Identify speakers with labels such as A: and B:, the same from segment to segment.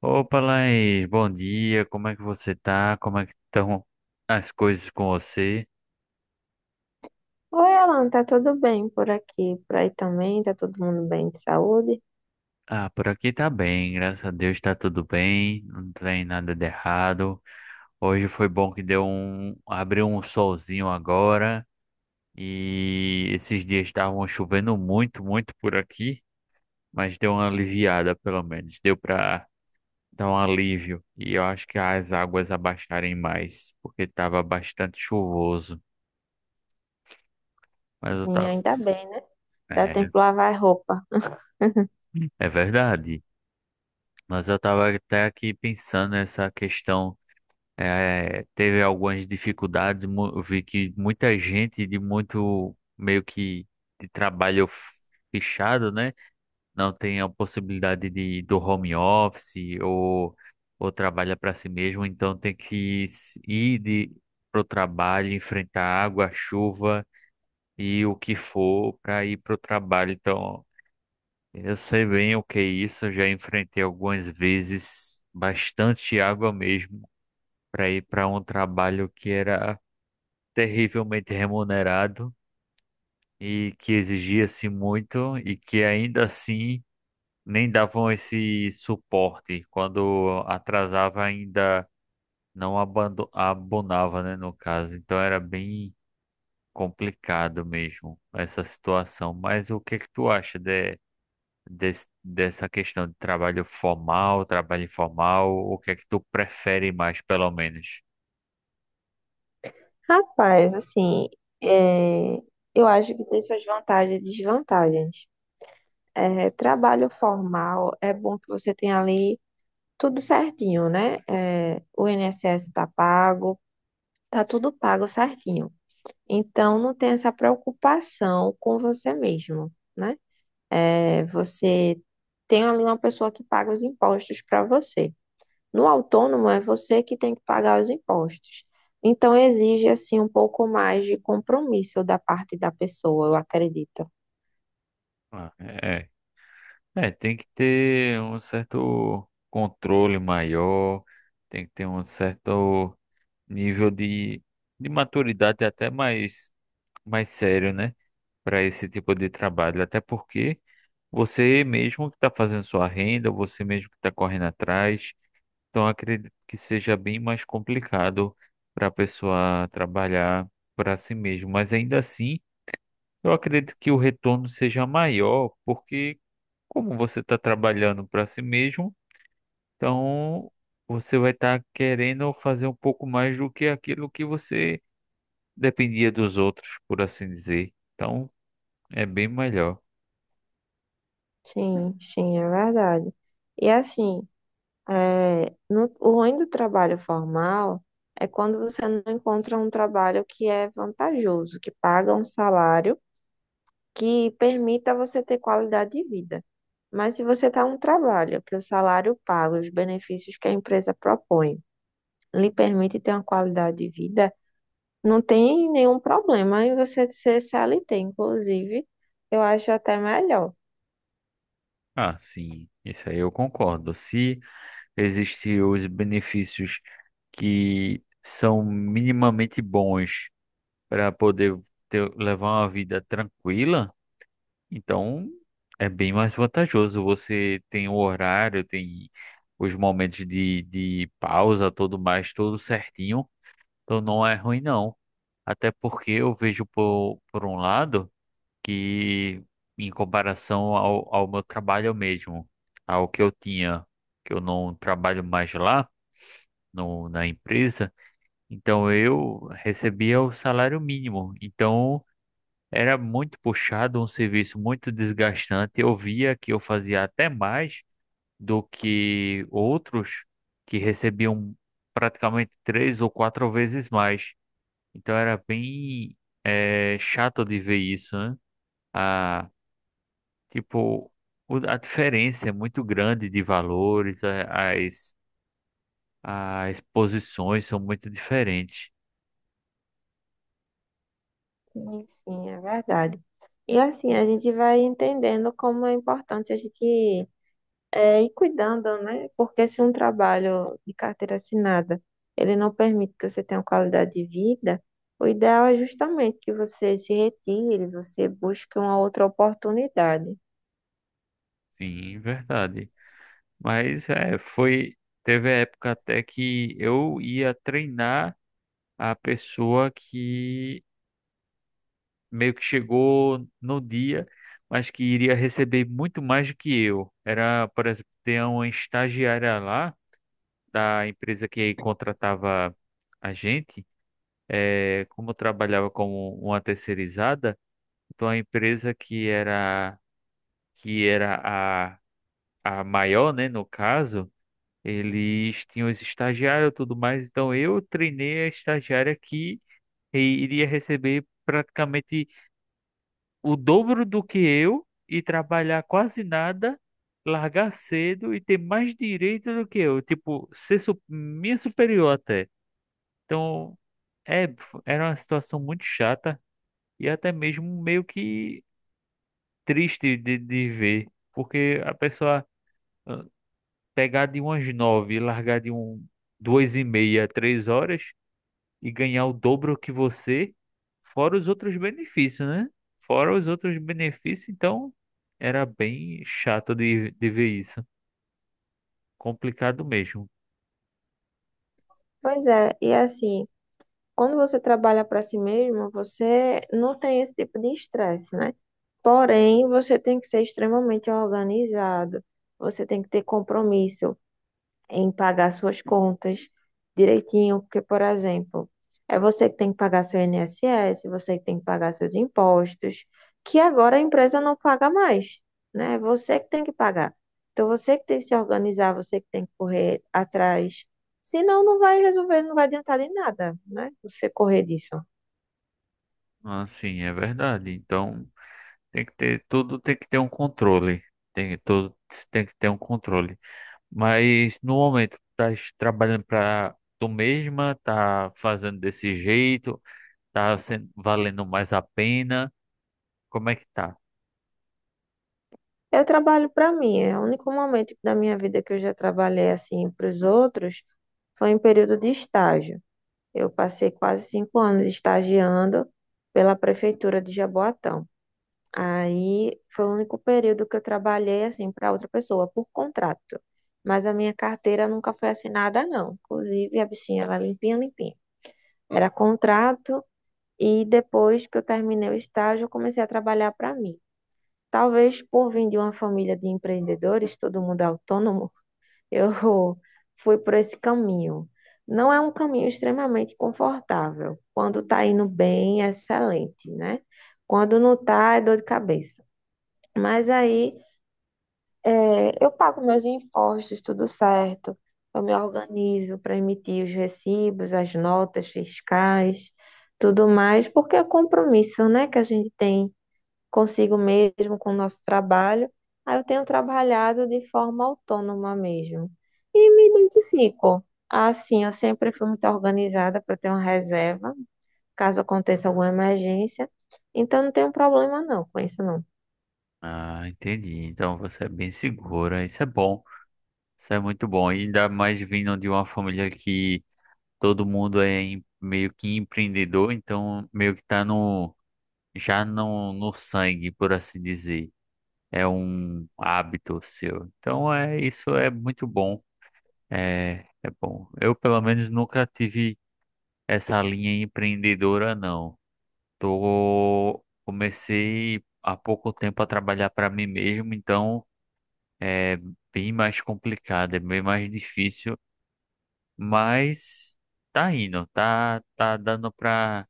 A: Opa, Laís, bom dia. Como é que você tá? Como é que estão as coisas com você?
B: Oi, Alan, tá tudo bem por aqui? Por aí também, tá todo mundo bem de saúde?
A: Ah, por aqui tá bem, graças a Deus tá tudo bem, não tem nada de errado. Hoje foi bom que deu um, abriu um solzinho agora e esses dias estavam chovendo muito, muito por aqui, mas deu uma aliviada pelo menos, deu pra dar um alívio e eu acho que as águas abaixarem mais, porque tava bastante chuvoso, mas eu
B: Sim,
A: tava.
B: ainda bem, né? Dá tempo de lavar roupa.
A: É verdade, mas eu estava até aqui pensando nessa questão. Teve algumas dificuldades, eu vi que muita gente de muito meio que de trabalho fechado, né? Não tem a possibilidade de do home office ou trabalha para si mesmo, então tem que ir de, pro trabalho, enfrentar água, chuva e o que for para ir pro trabalho. Então eu sei bem o que é isso, eu já enfrentei algumas vezes bastante água mesmo para ir para um trabalho que era terrivelmente remunerado e que exigia-se muito e que ainda assim nem davam esse suporte. Quando atrasava ainda não abonava, né, no caso. Então era bem complicado mesmo essa situação. Mas o que que tu acha, de dessa questão de trabalho formal, trabalho informal, o que é que tu prefere mais, pelo menos?
B: Rapaz, assim, é, eu acho que tem suas vantagens e desvantagens. Trabalho formal é bom que você tenha ali tudo certinho, né? O INSS tá pago, tá tudo pago certinho. Então, não tem essa preocupação com você mesmo, né? Você tem ali uma pessoa que paga os impostos para você. No autônomo é você que tem que pagar os impostos. Então exige assim um pouco mais de compromisso da parte da pessoa, eu acredito.
A: Ah, é, é, tem que ter um certo controle maior, tem que ter um certo nível de maturidade até mais, mais sério, né? Para esse tipo de trabalho, até porque você mesmo que está fazendo sua renda, você mesmo que está correndo atrás. Então, acredito que seja bem mais complicado para a pessoa trabalhar para si mesmo. Mas ainda assim, eu acredito que o retorno seja maior, porque como você está trabalhando para si mesmo, então você vai estar querendo fazer um pouco mais do que aquilo que você dependia dos outros, por assim dizer. Então, é bem melhor.
B: Sim, sim, é verdade. E assim, o ruim do trabalho formal é quando você não encontra um trabalho que é vantajoso, que paga um salário que permita você ter qualidade de vida. Mas se você está um trabalho que o salário paga, os benefícios que a empresa propõe, lhe permite ter uma qualidade de vida, não tem nenhum problema em você ser CLT. Inclusive, eu acho até melhor.
A: Ah, sim, isso aí eu concordo. Se existem os benefícios que são minimamente bons para poder ter, levar uma vida tranquila. Então, é bem mais vantajoso. Você tem o horário, tem os momentos de pausa, tudo mais, tudo certinho. Então, não é ruim, não. Até porque eu vejo por um lado que, em comparação ao, ao meu trabalho mesmo, ao que eu tinha, que eu não trabalho mais lá no, na empresa, então eu recebia o salário mínimo. Então era muito puxado, um serviço muito desgastante. Eu via que eu fazia até mais do que outros que recebiam praticamente três ou quatro vezes mais. Então era bem chato de ver isso, né? A, tipo, a diferença é muito grande de valores, as, as posições são muito diferentes.
B: Sim, sim, é verdade. E assim, a gente vai entendendo como é importante a gente e cuidando, né? Porque se um trabalho de carteira assinada, ele não permite que você tenha uma qualidade de vida, o ideal é justamente que você se retire, você busque uma outra oportunidade.
A: Sim, verdade. Mas é, foi. Teve a época até que eu ia treinar a pessoa que meio que chegou no dia, mas que iria receber muito mais do que eu. Era, por exemplo, ter uma estagiária lá da empresa que contratava a gente. É, como eu trabalhava como uma terceirizada, então a empresa que era a maior, né, no caso. Eles tinham os estagiários e tudo mais, então eu treinei a estagiária que i- iria receber praticamente o dobro do que eu e trabalhar quase nada, largar cedo e ter mais direito do que eu, tipo, ser minha superior até. Então, é, era uma situação muito chata e até mesmo meio que triste de ver, porque a pessoa ah, pegar de umas nove e largar de um, duas e meia, três horas. E ganhar o dobro que você, fora os outros benefícios, né? Fora os outros benefícios, então era bem chato de ver isso. Complicado mesmo.
B: Pois é, e é assim, quando você trabalha para si mesmo, você não tem esse tipo de estresse, né? Porém, você tem que ser extremamente organizado, você tem que ter compromisso em pagar suas contas direitinho, porque, por exemplo, é você que tem que pagar seu INSS, você que tem que pagar seus impostos, que agora a empresa não paga mais, né? É você que tem que pagar. Então, você que tem que se organizar, você que tem que correr atrás. Senão, não vai resolver, não vai adiantar de nada, né? Você correr disso.
A: Assim, é verdade. Então tem que ter tudo, tem que ter um controle. Tem, tudo tem que ter um controle. Mas no momento, tá trabalhando para tu mesma, tá fazendo desse jeito, tá sendo, valendo mais a pena. Como é que tá?
B: Eu trabalho para mim, é o único momento da minha vida que eu já trabalhei assim para os outros foi em período de estágio. Eu passei quase 5 anos estagiando pela prefeitura de Jaboatão. Aí foi o único período que eu trabalhei assim para outra pessoa por contrato. Mas a minha carteira nunca foi assinada, não. Inclusive, a bichinha era limpinha, limpinha. Era contrato e depois que eu terminei o estágio, eu comecei a trabalhar para mim. Talvez por vir de uma família de empreendedores, todo mundo é autônomo, eu fui por esse caminho. Não é um caminho extremamente confortável. Quando tá indo bem, é excelente, né? Quando não tá, é dor de cabeça. Mas aí, eu pago meus impostos, tudo certo. Eu me organizo para emitir os recibos, as notas fiscais, tudo mais, porque é compromisso, né, que a gente tem consigo mesmo, com o nosso trabalho. Aí eu tenho trabalhado de forma autônoma mesmo. E me identifico. Assim, eu sempre fui muito organizada para ter uma reserva, caso aconteça alguma emergência. Então, não tenho problema não com isso, não.
A: Ah, entendi. Então você é bem segura. Isso é bom. Isso é muito bom. E ainda mais vindo de uma família que todo mundo é meio que empreendedor, então meio que tá no, já no, no sangue, por assim dizer. É um hábito seu. Então é isso é muito bom. É, é bom. Eu pelo menos nunca tive essa linha empreendedora, não. Tô comecei há pouco tempo a trabalhar para mim mesmo, então é bem mais complicado, é bem mais difícil, mas tá indo, tá, tá dando pra,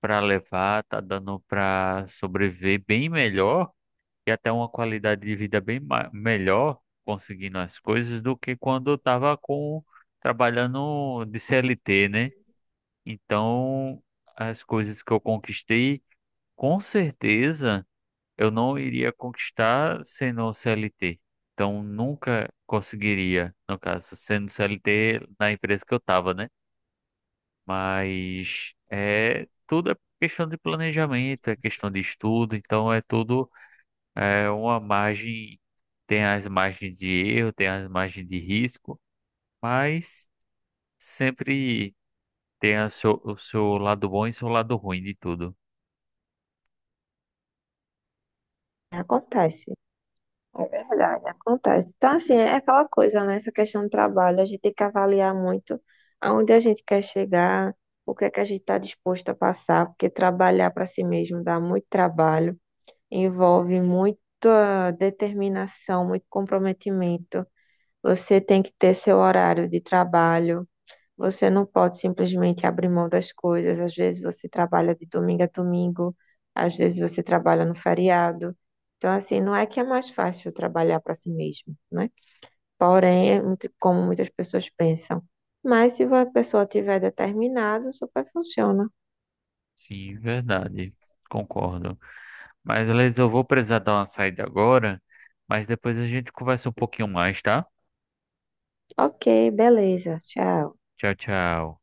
A: pra levar, tá dando pra sobreviver bem melhor e até uma qualidade de vida bem melhor conseguindo as coisas do que quando eu tava com, trabalhando de CLT, né? Então, as coisas que eu conquistei, com certeza, eu não iria conquistar sendo CLT. Então, nunca conseguiria, no caso, sendo CLT na empresa que eu estava, né? Mas é tudo é questão de planejamento, é questão de estudo, então é tudo é uma margem, tem as margens de erro, tem as margens de risco, mas sempre tem a o seu lado bom e seu lado ruim de tudo.
B: Acontece. É verdade, acontece. Então, assim, é aquela coisa, né? Essa questão do trabalho, a gente tem que avaliar muito aonde a gente quer chegar, o que é que a gente está disposto a passar, porque trabalhar para si mesmo dá muito trabalho. Envolve muita determinação, muito comprometimento. Você tem que ter seu horário de trabalho. Você não pode simplesmente abrir mão das coisas. Às vezes você trabalha de domingo a domingo, às vezes você trabalha no feriado. Então, assim, não é que é mais fácil trabalhar para si mesmo, né? Porém, é muito- como muitas pessoas pensam. Mas se a pessoa tiver determinado, super funciona.
A: Sim, verdade. Concordo. Mas, Liz, eu vou precisar dar uma saída agora, mas depois a gente conversa um pouquinho mais, tá?
B: Ok, beleza, tchau.
A: Tchau, tchau.